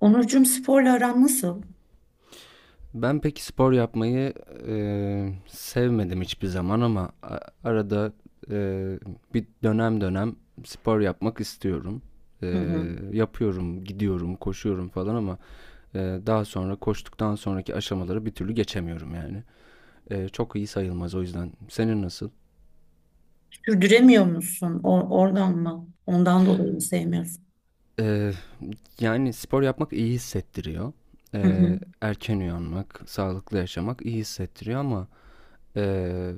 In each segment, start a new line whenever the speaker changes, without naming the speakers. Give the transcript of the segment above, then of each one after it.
Onurcuğum, sporla aran nasıl?
Ben pek spor yapmayı sevmedim hiçbir zaman ama arada eee, bir dönem spor yapmak istiyorum.
Hı hı.
Yapıyorum, gidiyorum, koşuyorum falan ama daha sonra koştuktan sonraki aşamaları bir türlü geçemiyorum yani. Çok iyi sayılmaz o yüzden. Senin nasıl?
Sürdüremiyor musun? Oradan mı? Ondan dolayı mı sevmiyorsun?
Eee, Yani spor yapmak iyi hissettiriyor.
Hı hı.
Erken uyanmak, sağlıklı yaşamak iyi hissettiriyor ama Ee,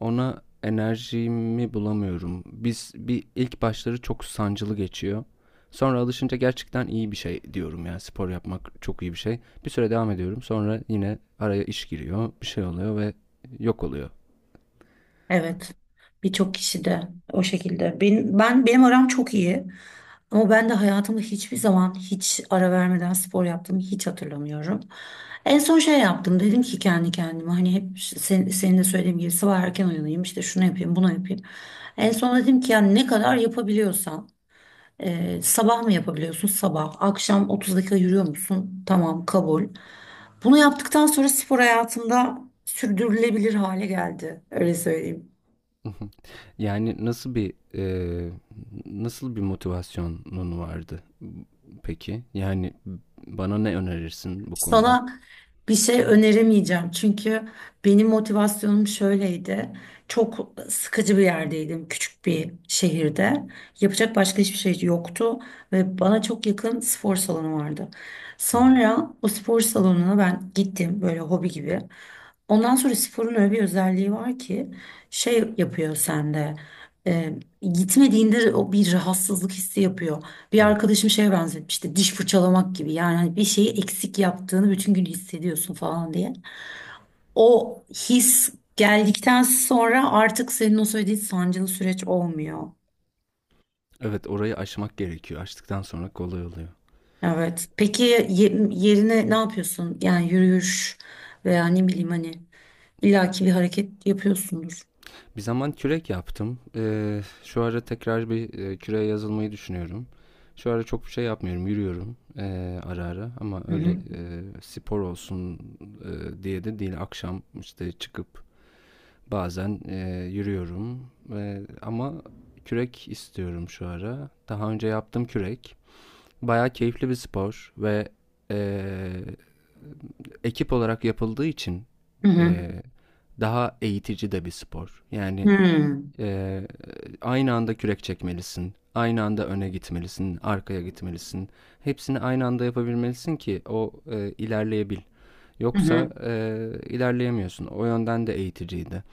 ona enerjimi bulamıyorum. Biz bir ilk başları çok sancılı geçiyor. Sonra alışınca gerçekten iyi bir şey diyorum ya. Spor yapmak çok iyi bir şey. Bir süre devam ediyorum. Sonra yine araya iş giriyor, bir şey oluyor ve yok oluyor.
Evet. Birçok kişi de o şekilde. Benim aram çok iyi. Ama ben de hayatımda hiçbir zaman hiç ara vermeden spor yaptığımı hiç hatırlamıyorum. En son şey yaptım. Dedim ki kendi kendime, hani hep sen, senin de söylediğim gibi sabah erken uyanayım, işte şunu yapayım bunu yapayım. En son dedim ki yani ne kadar yapabiliyorsam. Sabah mı yapabiliyorsun? Sabah. Akşam 30 dakika yürüyor musun? Tamam, kabul. Bunu yaptıktan sonra spor hayatımda sürdürülebilir hale geldi. Öyle söyleyeyim.
Yani nasıl bir nasıl bir motivasyonun vardı peki? Yani bana ne önerirsin bu konuda?
Sana bir şey öneremeyeceğim çünkü benim motivasyonum şöyleydi. Çok sıkıcı bir yerdeydim, küçük bir şehirde. Yapacak başka hiçbir şey yoktu ve bana çok yakın spor salonu vardı.
Hı hı.
Sonra o spor salonuna ben gittim, böyle hobi gibi. Ondan sonra sporun öyle bir özelliği var ki şey yapıyor sende. e, Gitmediğinde o bir rahatsızlık hissi yapıyor. Bir
Evet.
arkadaşım şeye benzetmişti, diş fırçalamak gibi, yani hani bir şeyi eksik yaptığını bütün gün hissediyorsun falan diye. O his geldikten sonra artık senin o söylediğin sancılı süreç olmuyor.
Evet, orayı aşmak gerekiyor. Aştıktan sonra kolay oluyor.
Evet. Peki yerine ne yapıyorsun? Yani yürüyüş veya ne bileyim, hani illaki bir hareket yapıyorsundur.
Bir zaman kürek yaptım. Şu ara tekrar bir küreğe yazılmayı düşünüyorum. Şu ara çok bir şey yapmıyorum. Yürüyorum ara ara ama
Hı
öyle
hı.
spor olsun diye de değil. Akşam işte çıkıp bazen yürüyorum. E, ama kürek istiyorum şu ara. Daha önce yaptım kürek. Bayağı keyifli bir spor ve e, ekip olarak yapıldığı için
Hı hı.
e, daha eğitici de bir spor.
Hı
Yani
hı.
ee, aynı anda kürek çekmelisin. Aynı anda öne gitmelisin, arkaya gitmelisin. Hepsini aynı anda yapabilmelisin ki o ilerleyebil.
Hı
Yoksa
hı.
ilerleyemiyorsun. O yönden de eğiticiydi.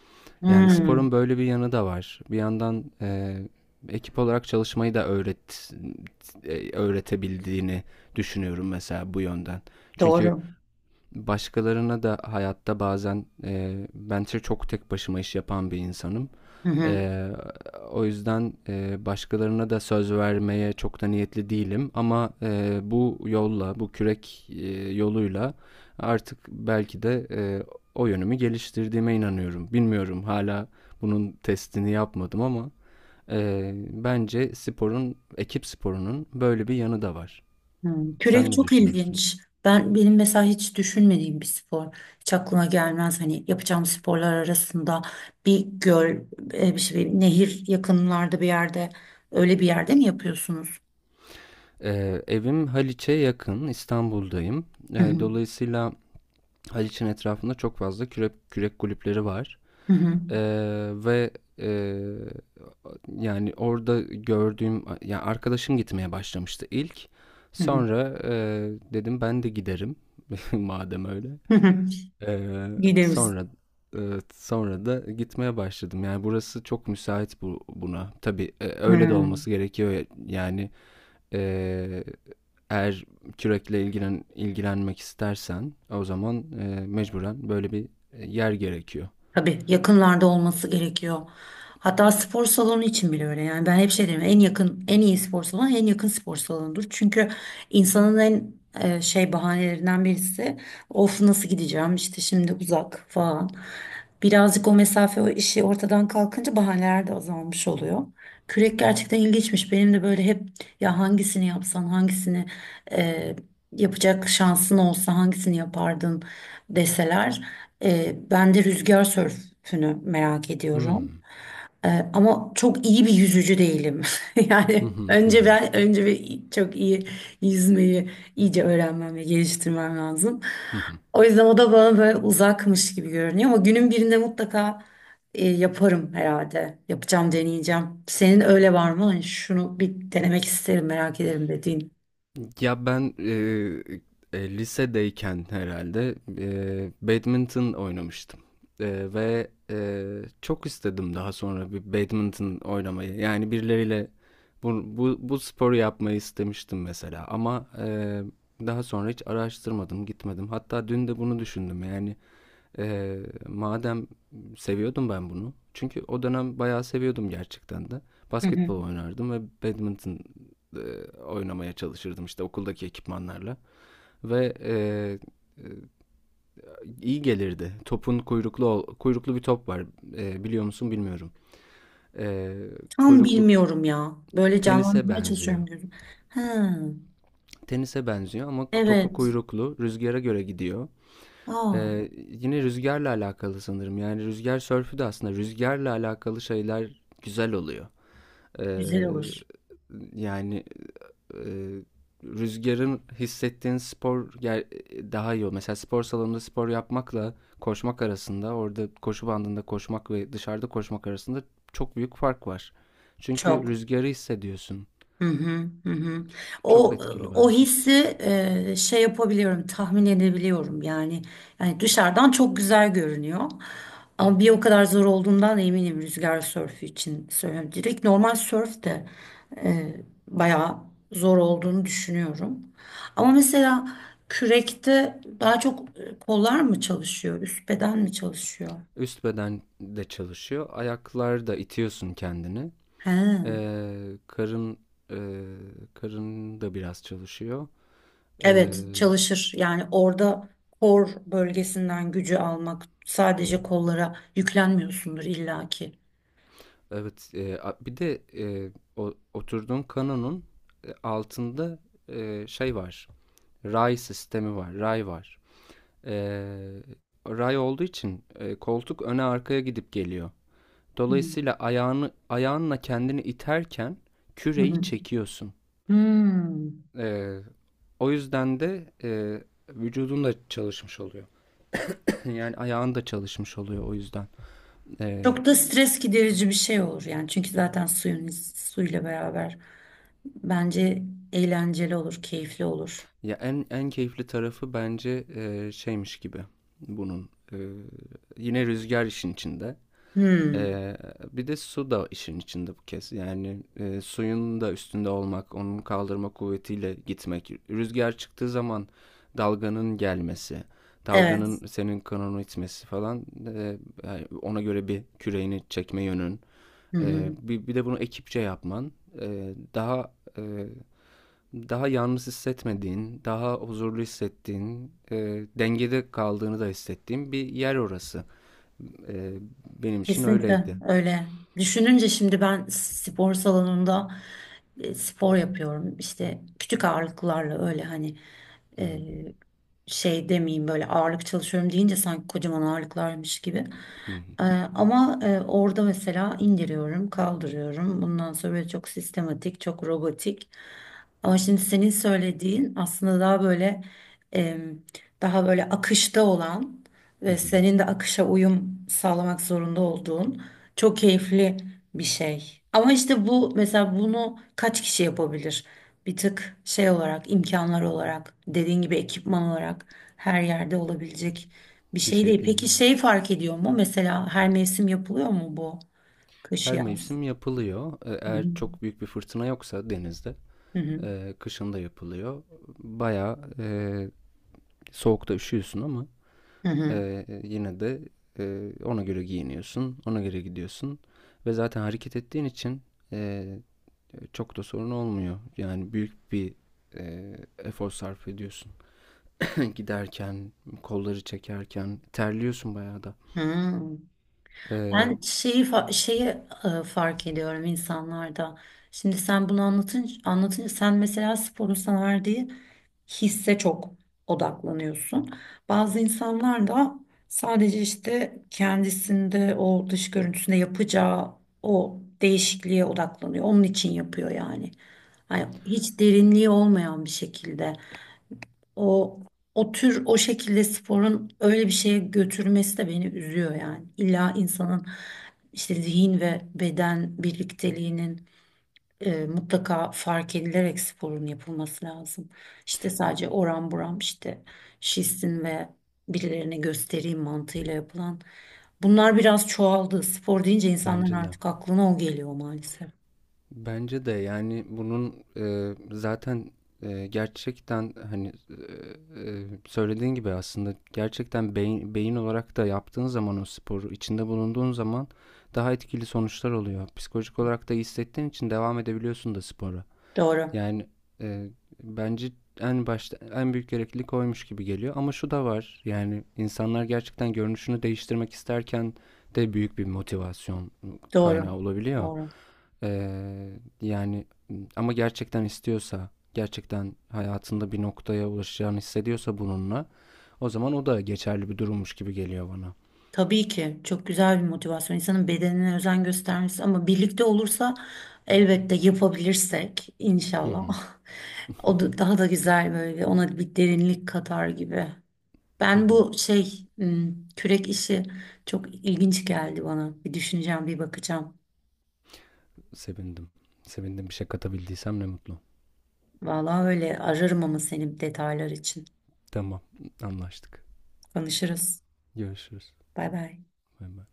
Yani sporun böyle bir yanı da var. Bir yandan ekip olarak çalışmayı da öğretebildiğini düşünüyorum mesela bu yönden. Çünkü
Doğru.
başkalarına da hayatta bazen ben çok tek başıma iş yapan bir insanım.
Hı hı.
E, O yüzden başkalarına da söz vermeye çok da niyetli değilim. Ama bu yolla, bu kürek yoluyla artık belki de o yönümü geliştirdiğime inanıyorum. Bilmiyorum hala bunun testini yapmadım ama bence sporun, ekip sporunun böyle bir yanı da var.
Hmm,
Sen
kürek
ne
çok
düşünürsün?
ilginç. Benim mesela hiç düşünmediğim bir spor. Hiç aklıma gelmez hani yapacağım sporlar arasında. Bir göl, e, bir şey, nehir yakınlarda bir yerde, öyle bir yerde mi yapıyorsunuz?
Evim Haliç'e yakın, İstanbul'dayım.
Hı hı.
Dolayısıyla Haliç'in etrafında çok fazla kürek kulüpleri var.
Hı hı.
Eee, Ve eee, yani orada gördüğüm, arkadaşım gitmeye başlamıştı ilk. Sonra dedim ben de giderim madem öyle.
Hı hı.
Eee,
Gideriz.
sonra sonra da gitmeye başladım. Yani burası çok müsait buna. Tabii öyle de
Hı.
olması gerekiyor. Yani ee, eğer ilgilenmek istersen o zaman mecburen böyle bir yer gerekiyor.
Tabii yakınlarda olması gerekiyor. Hatta spor salonu için bile öyle. Yani ben hep şey derim, en yakın en iyi spor salonu en yakın spor salonudur. Çünkü insanın en e, şey bahanelerinden birisi, of nasıl gideceğim işte şimdi uzak falan. Birazcık o mesafe o işi ortadan kalkınca bahaneler de azalmış oluyor. Kürek gerçekten ilginçmiş. Benim de böyle hep, ya hangisini yapsan, hangisini e, yapacak şansın olsa hangisini yapardın deseler, ben de rüzgar sörfünü merak ediyorum.
Hmm.
Ama çok iyi bir yüzücü değilim.
Hı
Yani
hı hı
önce
hı.
ben önce bir çok iyi yüzmeyi iyice öğrenmem ve geliştirmem lazım.
Hı hı.
O yüzden o da bana böyle uzakmış gibi görünüyor, ama günün birinde mutlaka e, yaparım herhalde. Yapacağım, deneyeceğim. Senin öyle var mı? Hani şunu bir denemek isterim, merak ederim dediğin.
Ya ben lisedeyken herhalde badminton oynamıştım. Ve çok istedim daha sonra bir badminton oynamayı. Yani birileriyle bu sporu yapmayı istemiştim mesela. Ama daha sonra hiç araştırmadım, gitmedim. Hatta dün de bunu düşündüm. Yani madem seviyordum ben bunu. Çünkü o dönem bayağı seviyordum gerçekten de.
Hı hı.
Basketbol oynardım ve badminton e, oynamaya çalışırdım işte okuldaki ekipmanlarla. Ve iyi gelirdi. Topun kuyruklu bir top var. E, biliyor musun bilmiyorum. E,
Tam
Kuyruklu
bilmiyorum ya. Böyle
tenise
canlandırmaya
benziyor.
çalışıyorum gözüm. Ha,
Tenise benziyor ama topu
evet.
kuyruklu, rüzgara göre gidiyor.
Aa,
Yine rüzgarla alakalı sanırım. Yani rüzgar sörfü de aslında rüzgarla alakalı şeyler güzel oluyor.
güzel
Ee,
olur.
yani e, rüzgarın hissettiğin spor daha iyi oluyor. Mesela spor salonunda spor yapmakla koşmak arasında, orada koşu bandında koşmak ve dışarıda koşmak arasında çok büyük fark var. Çünkü
Çok.
rüzgarı hissediyorsun.
Hı hı, hı hı. O
Çok etkili
o
bence.
hissi e, şey yapabiliyorum, tahmin edebiliyorum yani. Yani dışarıdan çok güzel görünüyor. Ama bir o kadar zor olduğundan eminim, rüzgar sörfü için söylüyorum. Direkt normal sörf de e, bayağı zor olduğunu düşünüyorum. Ama mesela kürekte daha çok e, kollar mı çalışıyor, üst beden mi çalışıyor?
Üst beden de çalışıyor. Ayaklar da itiyorsun kendini.
He.
Eee, karım, eee, karım da biraz çalışıyor. Eee,
Evet, çalışır. Yani orada kor bölgesinden gücü almak, sadece kollara yüklenmiyorsundur illaki.
evet, bir de oturduğum kanonun altında şey var. Ray sistemi var, ray var. Eee, Ray olduğu için koltuk öne arkaya gidip geliyor.
Hmm.
Dolayısıyla ayağınla kendini iterken
Hı
küreyi
hı.
çekiyorsun.
Hmm.
Eee, O yüzden de vücudun da çalışmış oluyor. Yani ayağın da çalışmış oluyor o yüzden. Ee,
Çok da stres giderici bir şey olur yani, çünkü zaten suyla beraber, bence eğlenceli olur, keyifli olur.
Ya en en keyifli tarafı bence şeymiş gibi bunun. Yine rüzgar işin içinde.
Hmm.
Ee, Bir de su da işin içinde bu kez. Yani suyun da üstünde olmak, onun kaldırma kuvvetiyle gitmek. Rüzgar çıktığı zaman dalganın gelmesi,
Evet.
dalganın senin kanonu itmesi falan. Yani ona göre bir küreğini çekme yönün.
Hı
E,
hı.
bir, bir de bunu ekipçe yapman e, daha e, daha yalnız hissetmediğin, daha huzurlu hissettiğin, dengede kaldığını da hissettiğin bir yer orası. E, Benim için
Kesinlikle
öyleydi.
öyle. Düşününce şimdi ben spor salonunda e, spor yapıyorum. İşte küçük ağırlıklarla, öyle hani
Hı
e,
hı,
şey demeyeyim, böyle ağırlık çalışıyorum deyince sanki kocaman ağırlıklarmış gibi.
hı hı,
E, ama e, orada mesela indiriyorum, kaldırıyorum. Bundan sonra böyle çok sistematik, çok robotik. Ama şimdi senin söylediğin aslında daha böyle e, daha böyle akışta olan
hı
ve
hı.
senin de akışa uyum sağlamak zorunda olduğun çok keyifli bir şey. Ama işte bu mesela, bunu kaç kişi yapabilir? Bir tık şey olarak, imkanlar olarak, dediğin gibi ekipman olarak her yerde olabilecek bir
Bir
şey
şey
değil.
değil
Peki
ama.
şey fark ediyor mu? Mesela her mevsim yapılıyor mu bu? Kış,
Her
yaz.
mevsim yapılıyor. E,
Hı hı.
eğer çok büyük bir fırtına yoksa denizde,
Hı hı.
kışın da yapılıyor. Bayağı soğukta üşüyorsun ama
Hı
yine de ona göre giyiniyorsun, ona göre gidiyorsun ve zaten hareket ettiğin için e, çok da sorun olmuyor. Yani büyük bir e, efor sarf ediyorsun. Giderken, kolları çekerken terliyorsun bayağı da.
hı. Hı.
E,
Ben şeyi e, fark ediyorum insanlarda. Şimdi sen bunu anlatınca, sen mesela sporun sana verdiği hisse çok odaklanıyorsun. Bazı insanlar da sadece işte kendisinde o dış görüntüsünde yapacağı o değişikliğe odaklanıyor. Onun için yapıyor yani. Hani hiç derinliği olmayan bir şekilde. O o şekilde sporun öyle bir şeye götürmesi de beni üzüyor yani. İlla insanın işte zihin ve beden birlikteliğinin e, mutlaka fark edilerek sporun yapılması lazım. İşte sadece oram buram işte şişsin ve birilerine göstereyim mantığıyla yapılan. Bunlar biraz çoğaldı. Spor deyince insanların
Bence de.
artık aklına o geliyor maalesef.
Bence de yani bunun zaten gerçekten hani söylediğin gibi aslında gerçekten beyin olarak da yaptığın zaman o sporu içinde bulunduğun zaman daha etkili sonuçlar oluyor. Psikolojik olarak da hissettiğin için devam edebiliyorsun da spora.
Doğru.
Yani e, bence en başta en büyük gereklilik oymuş gibi geliyor. Ama şu da var yani insanlar gerçekten görünüşünü değiştirmek isterken de büyük bir motivasyon kaynağı
Doğru.
olabiliyor.
Doğru.
E, Yani ama gerçekten istiyorsa gerçekten hayatında bir noktaya ulaşacağını hissediyorsa bununla o zaman o da geçerli bir durummuş gibi geliyor bana.
Tabii ki çok güzel bir motivasyon. İnsanın bedenine özen göstermesi, ama birlikte olursa elbette, yapabilirsek
Hı
inşallah.
hı.
O da daha da güzel, böyle ona bir derinlik katar gibi.
Hı
Ben
hı.
bu şey hmm, kürek işi çok ilginç geldi bana. Bir düşüneceğim, bir bakacağım.
Sevindim. Sevindim bir şey katabildiysem ne mutlu.
Vallahi öyle ararım ama senin, detaylar için.
Tamam anlaştık.
Konuşuruz.
Görüşürüz.
Bay bay.
Bay bay.